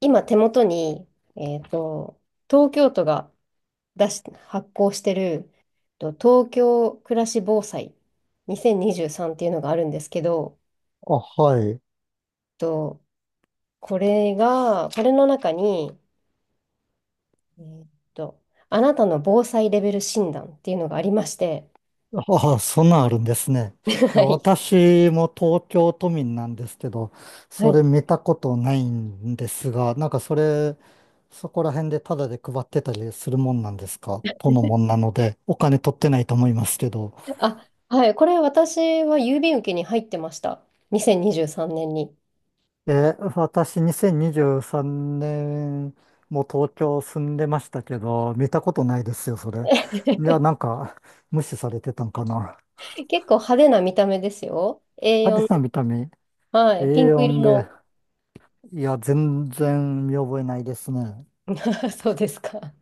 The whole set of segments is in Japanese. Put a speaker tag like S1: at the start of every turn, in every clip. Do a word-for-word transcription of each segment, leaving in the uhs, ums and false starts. S1: 今手元に、えっと、東京都が出し、発行してる、と東京暮らし防災にせんにじゅうさんっていうのがあるんですけど、
S2: あ、はい。
S1: と、これが、これの中に、えっと、あなたの防災レベル診断っていうのがありまして、
S2: ああ、そんなんあるんですね。い
S1: は
S2: や、
S1: い。
S2: 私も東京都民なんですけど、
S1: は
S2: そ
S1: い。
S2: れ見たことないんですが、なんかそれ、そこら辺でタダで配ってたりするもんなんですか？都のもんなので、お金取ってないと思いますけど。
S1: あ、はい。これ私は郵便受けに入ってました。にせんにじゅうさんねんにじゅうさんねんに。
S2: え私にせんにじゅうさんねんも東京住んでましたけど、見たことないですよ、それ。いや、なんか無視されてたんかな。
S1: 結構派手な見た目ですよ。
S2: 派
S1: エーよん、
S2: 手な見た目、
S1: はい。ピンク色
S2: エーよん で。
S1: の。
S2: いや、全然見覚えないですね。
S1: そうですか。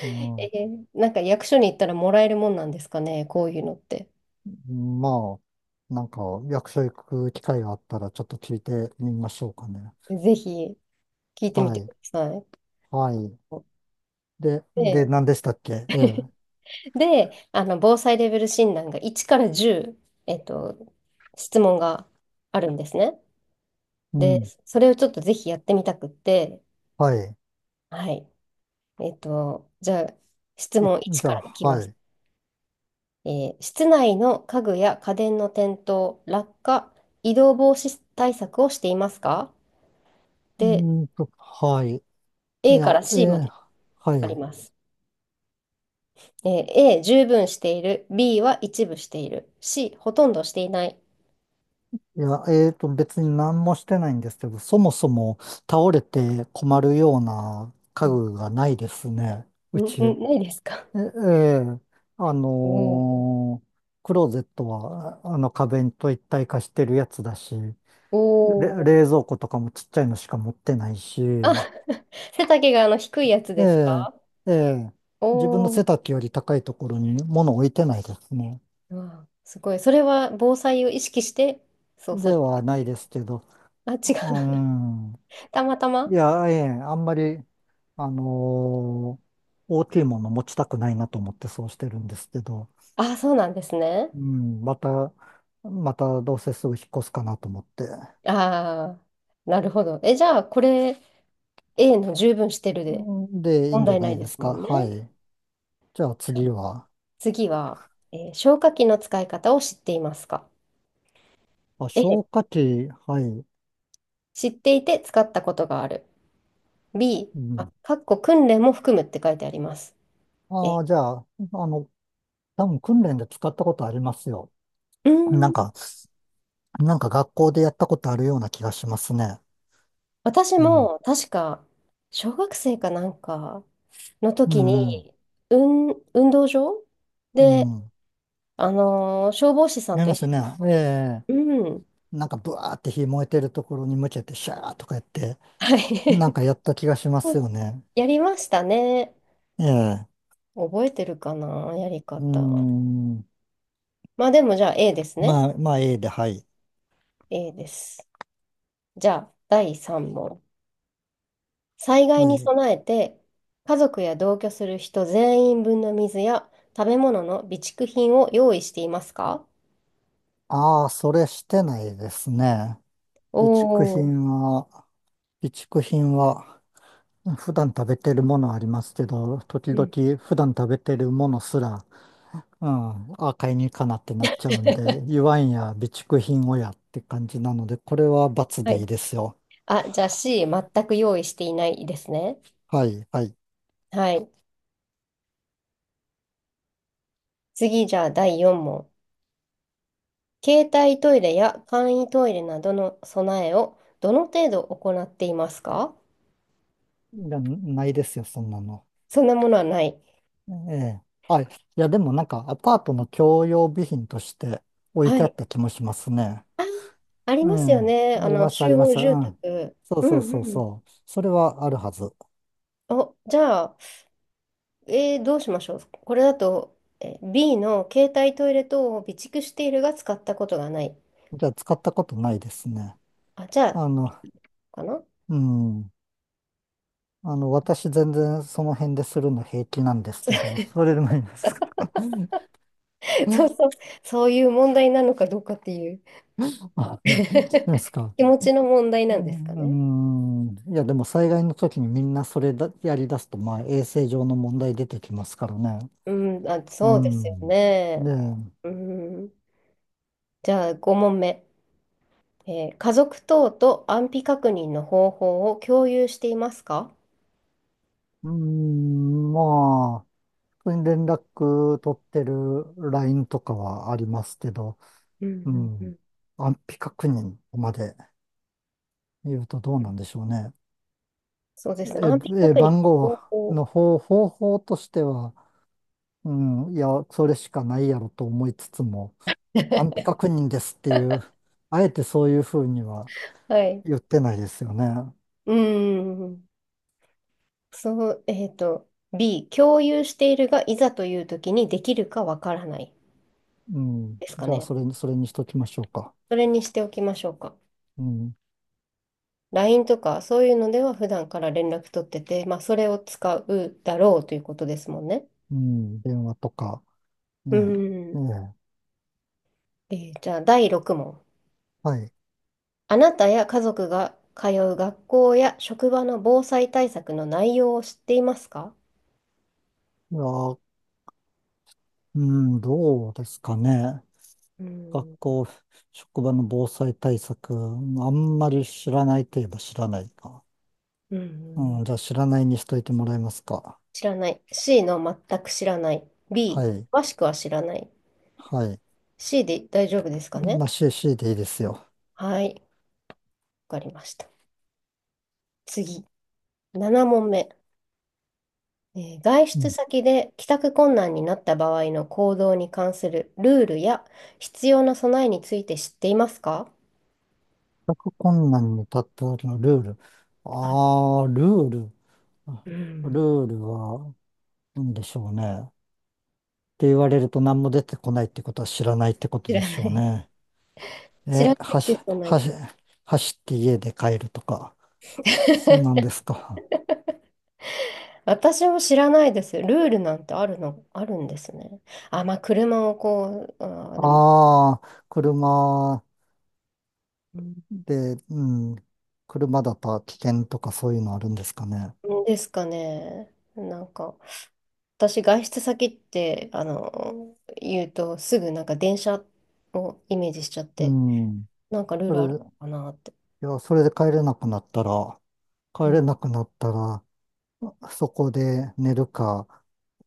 S2: う
S1: え
S2: ん。
S1: ーなんか役所に行ったらもらえるもんなんですかね、こういうのって。
S2: まあ、なんか、役所行く機会があったら、ちょっと聞いてみましょうかね。
S1: ぜひ聞いてみ
S2: は
S1: てく
S2: い。
S1: ださい。
S2: はい。で、で、
S1: で、
S2: 何でしたっけええ。
S1: で、あの、防災レベル診断がいちからじゅう、えっと、質問があるんですね。
S2: う
S1: で、
S2: ん。
S1: それをちょっとぜひやってみたくって、
S2: はい。
S1: はい。えっと、じゃあ、質
S2: い
S1: 問いち
S2: じゃ
S1: か
S2: あ、
S1: らいき
S2: は
S1: ま
S2: い。
S1: す。
S2: う
S1: えー室内の家具や家電の転倒、落下、移動防止対策をしていますか？
S2: ー
S1: で、
S2: んと、はい。い
S1: A
S2: や、
S1: から C ま
S2: えー
S1: で
S2: は
S1: あり
S2: い。
S1: ます。えー A、十分している。B は一部している。C、ほとんどしていない。
S2: いや、えーと、別に何もしてないんですけど、そもそも倒れて困るような
S1: う
S2: 家
S1: ん。
S2: 具がないですね。う
S1: う
S2: ち。
S1: ん、
S2: え、
S1: ないですか？
S2: ええ、あ
S1: おー
S2: のークローゼットは、あの壁と一体化してるやつだし、れ、
S1: お
S2: 冷
S1: ー。
S2: 蔵庫とかもちっちゃいのしか持ってないし、
S1: あ、背丈があの低いやつ
S2: え
S1: です
S2: え、
S1: か？
S2: ええ、
S1: お
S2: 自分の
S1: お
S2: 背
S1: ー。
S2: 丈より高いところに物置いてないですね。
S1: うわすごい。それは防災を意識して、そう、そ
S2: で
S1: れ。
S2: はないですけど、
S1: あ、違
S2: う
S1: う。
S2: ん、
S1: たまた
S2: い
S1: ま。
S2: や、ええ、あんまり、あのー大きいもの持ちたくないなと思ってそうしてるんですけど、
S1: あ、そうなんですね。
S2: うん、また、またどうせすぐ引っ越すかなと思って。
S1: ああ、なるほど。え、じゃあ、これ、A の十分してる
S2: う
S1: で、
S2: んで、いい
S1: 問
S2: んじゃ
S1: 題な
S2: な
S1: い
S2: い
S1: で
S2: です
S1: すも
S2: か。
S1: んね。
S2: はい。じゃあ次は、
S1: 次は、えー消火器の使い方を知っていますか？
S2: あ、消
S1: A、
S2: 火器、はい。
S1: 知っていて使ったことがある。B、
S2: う
S1: あ、
S2: ん。
S1: かっこ訓練も含むって書いてあります。え、
S2: ああ、じゃあ、あの、多分訓練で使ったことありますよ。
S1: うー
S2: なん
S1: ん、
S2: か、なんか学校でやったことあるような気がしますね。
S1: 私
S2: うん。
S1: も確か、小学生かなんかの
S2: う
S1: 時
S2: ん、うん。
S1: に、うん、運動場
S2: う
S1: で、
S2: ん。
S1: あのー消防士さ
S2: や
S1: ん
S2: り
S1: と
S2: ます
S1: 一
S2: ね。ええ。
S1: 緒に、うん、
S2: なんかブワーって火燃えてるところに向けてシャーとかやって、
S1: は
S2: なん
S1: い。
S2: かやった気がしますよね。
S1: やりましたね。
S2: ええ。
S1: 覚えてるかな、やり
S2: う
S1: 方。
S2: ん。
S1: まあでもじゃあ A ですね。
S2: まあ、まあ、A で、はい。
S1: A です。じゃあ、だいさん問。災害
S2: は
S1: に
S2: い。
S1: 備えて、家族や同居する人全員分の水や食べ物の備蓄品を用意していますか？
S2: ああ、それしてないですね。
S1: お
S2: 備蓄
S1: おー、
S2: 品は、備蓄品は、普段食べてるものありますけど、時
S1: うん。
S2: 々普段食べてるものすら、うん、あ、買いに行かなってなっちゃうんで、言わんや備蓄品をやって感じなので、これは罰
S1: は
S2: でいい
S1: い。
S2: ですよ。
S1: あ、じゃあ C、全く用意していないですね。
S2: はい、はい。
S1: はい。次、じゃあだいよん問。携帯トイレや簡易トイレなどの備えをどの程度行っていますか？
S2: いやないですよ、そんなの。
S1: そんなものはない。
S2: ええ。あ、いや、でもなんかアパートの共用備品として置い
S1: は
S2: てあ
S1: い。
S2: った気もしますね。
S1: あ、あり
S2: う
S1: ますよ
S2: ん。
S1: ね。
S2: あ
S1: あ
S2: り
S1: の、
S2: ます、あり
S1: 集
S2: ま
S1: 合
S2: す。う
S1: 住
S2: ん。
S1: 宅。
S2: そう
S1: う
S2: そ
S1: ん
S2: う
S1: う
S2: そう
S1: ん。
S2: そう。それはあるはず。
S1: お、じゃあ、えーどうしましょう。これだと、えー B の携帯トイレ等を備蓄しているが使ったことがない。
S2: じゃあ使ったことないですね。
S1: あ、じゃあ、
S2: あの、
S1: かな。
S2: うん。あの、私全然その辺でするの平気なんですけど、それでもいいですか？
S1: そうそう、そういう問題なのかどうかっていう。
S2: あ、 いいですか。
S1: 気持ちの問題
S2: う
S1: なんですかね。
S2: ん。うん、いや、でも災害の時にみんなそれだ、やり出すと、まあ衛生上の問題出てきますからね。
S1: うん、あ、
S2: う
S1: そうですよ
S2: ん。
S1: ね。
S2: で、
S1: うん、じゃあ、ご問目。えー家族等と安否確認の方法を共有していますか？
S2: うん、まあ、普通に連絡取ってる ライン とかはありますけど、
S1: うん
S2: う
S1: うんう
S2: ん。
S1: ん
S2: 安否確認まで。言うとどう
S1: う
S2: な
S1: ん、
S2: んでしょうね。
S1: そうですね。安否
S2: え、え、
S1: 確認
S2: 番
S1: の
S2: 号
S1: 方法。
S2: の方、方法としては、うん、いや、それしかないやろと思いつつも、安否 確認ですっていう、あえてそういうふうには
S1: はい。
S2: 言ってないですよね。
S1: うん。そう、えっと、B、共有しているが、いざという時にできるかわからない
S2: うん。
S1: ですか
S2: じゃあ、
S1: ね。
S2: それに、それにしときましょうか。
S1: それにしておきましょうか。
S2: うん。
S1: ライン とかそういうのでは普段から連絡取ってて、まあ、それを使うだろうということですもんね。
S2: うん。電話とか、
S1: う
S2: ねえ。
S1: ん。
S2: ね
S1: えーじゃあ、だいろく問。
S2: え。はい。
S1: あなたや家族が通う学校や職場の防災対策の内容を知っていますか？
S2: いや、うん、どうですかね。
S1: う
S2: 学
S1: ん。
S2: 校、職場の防災対策、あんまり知らないといえば知らないか。
S1: うんうんう
S2: うん、じゃ
S1: ん、
S2: あ知らないにしといてもらえますか。
S1: 知らない。C の全く知らない。B、
S2: はい。
S1: 詳しくは知らない。
S2: はい。
S1: C で大丈夫ですかね？
S2: まあ、シーシー でいいですよ。
S1: はい、わかりました。次、なな問目。えー外
S2: う
S1: 出
S2: ん。
S1: 先で帰宅困難になった場合の行動に関するルールや必要な備えについて知っていますか？
S2: 全困難に立った時のルール。
S1: はい、
S2: ああ、ルール。あ
S1: う
S2: ル
S1: ん、
S2: ールは、なんでしょうね。って言われると何も出てこないってことは知らないってこと
S1: 知
S2: で
S1: ら
S2: し
S1: な
S2: ょう
S1: い。
S2: ね。
S1: 知ら
S2: え、
S1: ない
S2: はし、
S1: し、備え
S2: はし、
S1: て。
S2: 走って家で帰るとか。そんなんで すか。
S1: 私も知らないです。ルールなんてあるの、あるんですね。あ、まあ、車をこう、あー、でも、
S2: ああ、車
S1: うん
S2: で、うん。車だと危険とかそういうのあるんですかね。
S1: ですかね。なんか、私、外出先って、あの、言うと、すぐなんか電車をイメージしちゃっ
S2: う
S1: て、
S2: ん。
S1: なんかルー
S2: そ
S1: ル
S2: れ、
S1: ある
S2: い
S1: のかなって。
S2: や、それで帰れなくなったら、
S1: う
S2: 帰
S1: ん、
S2: れなくなったら、そこで寝るか、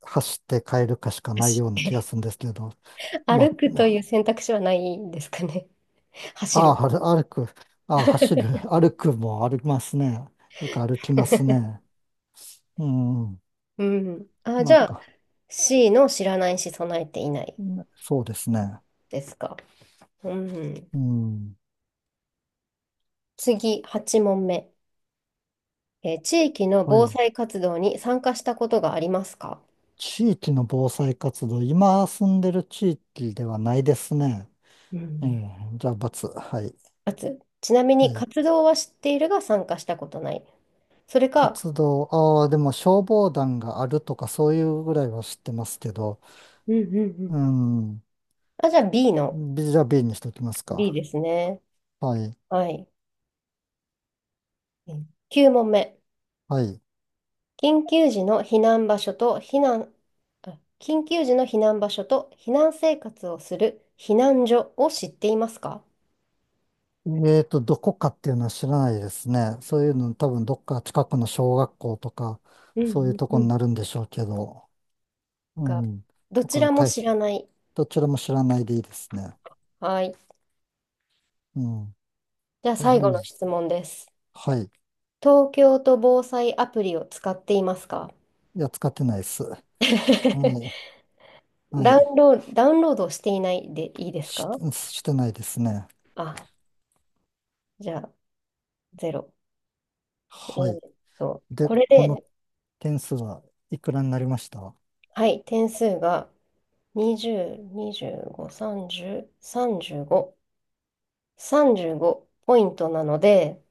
S2: 走って帰るかしかない
S1: 走
S2: ような
S1: っ
S2: 気が
S1: て。
S2: するんですけど、まあ、
S1: 歩くという選択肢はないんですかね。走
S2: ああ、
S1: る。
S2: 歩歩く、ああ、走る、歩くも歩きますね。よく歩きます ね。うん、
S1: うん。あ、じ
S2: なん
S1: ゃあ、
S2: か、
S1: C の知らないし備えていない
S2: ね、そうですね。
S1: ですか。うん。
S2: うん、
S1: 次、はち問目。えー地域の
S2: は
S1: 防
S2: い。
S1: 災活動に参加したことがありますか？
S2: 地域の防災活動、今住んでる地域ではないですね。
S1: う
S2: え
S1: ん。
S2: え、じゃあ、×。はい。
S1: かつ、ちなみ
S2: は
S1: に
S2: い。
S1: 活動は知っているが参加したことない。それか、
S2: 活動、ああ、でも消防団があるとかそういうぐらいは知ってますけど、
S1: うんうんう
S2: う
S1: ん。
S2: ん。
S1: あ、じゃあ B の
S2: ビじゃあ B にしときます
S1: B
S2: か。
S1: ですね。
S2: はい。
S1: はい。きゅうきゅう問目。
S2: はい。
S1: 緊急時の避難場所と避難、あ緊急時の避難場所と避難生活をする避難所を知っていますか？
S2: えーと、どこかっていうのは知らないですね。そういうの多分どっか近くの小学校とか、
S1: う
S2: そういう
S1: ん
S2: と
S1: う
S2: こに
S1: ん。
S2: なるんでしょうけど、う
S1: が、
S2: ん。
S1: ど
S2: と
S1: ち
S2: か、
S1: らも
S2: 大
S1: 知
S2: し
S1: らない。
S2: どちらも知らないでいいですね。
S1: はい。
S2: うん。
S1: じゃあ
S2: う
S1: 最後の
S2: ん。
S1: 質問です。
S2: はい。
S1: 東京都防災アプリを使っていますか？
S2: いや、使ってないです。はい。は
S1: ダウン
S2: い。
S1: ロード、ダウンロードしていないでいいです
S2: し、
S1: か？
S2: してないですね。
S1: あ、じゃあ、ゼロ。
S2: は
S1: う
S2: い。
S1: っと、
S2: で、
S1: これ
S2: この
S1: で、
S2: 点数はいくらになりました？
S1: はい、点数がにじゅう、にじゅうご、さんじゅう、さんじゅうご、さんじゅうごポイントなので、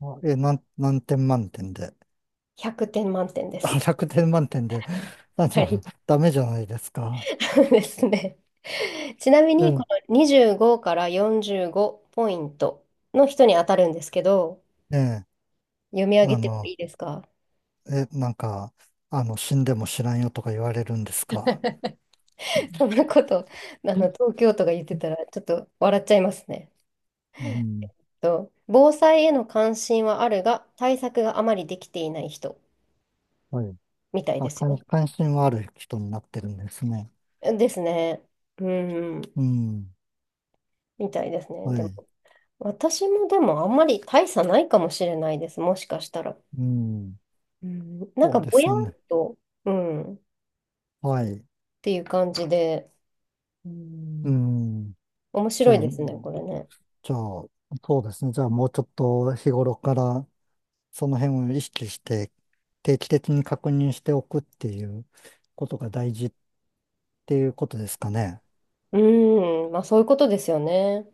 S2: あえ、なん、何点満点で。
S1: ひゃくてん満点で
S2: あ、
S1: す。
S2: ひゃくてん満点で。あ
S1: は
S2: の、
S1: い。
S2: ダメじゃないですか。
S1: ですね。ちなみ
S2: う
S1: に、こ
S2: ん。
S1: のにじゅうごからよんじゅうごポイントの人に当たるんですけど、
S2: ね
S1: 読み上
S2: え、
S1: げ
S2: あ
S1: ても
S2: の、
S1: いいですか？
S2: え、なんか、あの、死んでも知らんよとか言われるんですか。
S1: そんなこと、あの、東京都が言ってたら、ちょっと笑っちゃいますね。
S2: うん。
S1: と、防災への関心はあるが、対策があまりできていない人。
S2: はい。
S1: みたいで
S2: あ、
S1: す
S2: 関、
S1: よ。
S2: 関心はある人になってるんですね。
S1: ですね。うん、
S2: うん。
S1: みたいですね。
S2: は
S1: でも、
S2: い。
S1: 私もでもあんまり大差ないかもしれないです。もしかしたら。
S2: うん。
S1: うん、なん
S2: そ
S1: か
S2: うで
S1: ぼ
S2: す
S1: やっ
S2: よね。
S1: と、うん、っ
S2: はい。
S1: ていう感じで、う
S2: う
S1: ん、
S2: ん。
S1: 面
S2: じゃ
S1: 白い
S2: あ、
S1: ですね、これね。
S2: じゃあ、そうですね。じゃあ、もうちょっと日頃からその辺を意識して定期的に確認しておくっていうことが大事っていうことですかね。
S1: うん、まあそういうことですよね。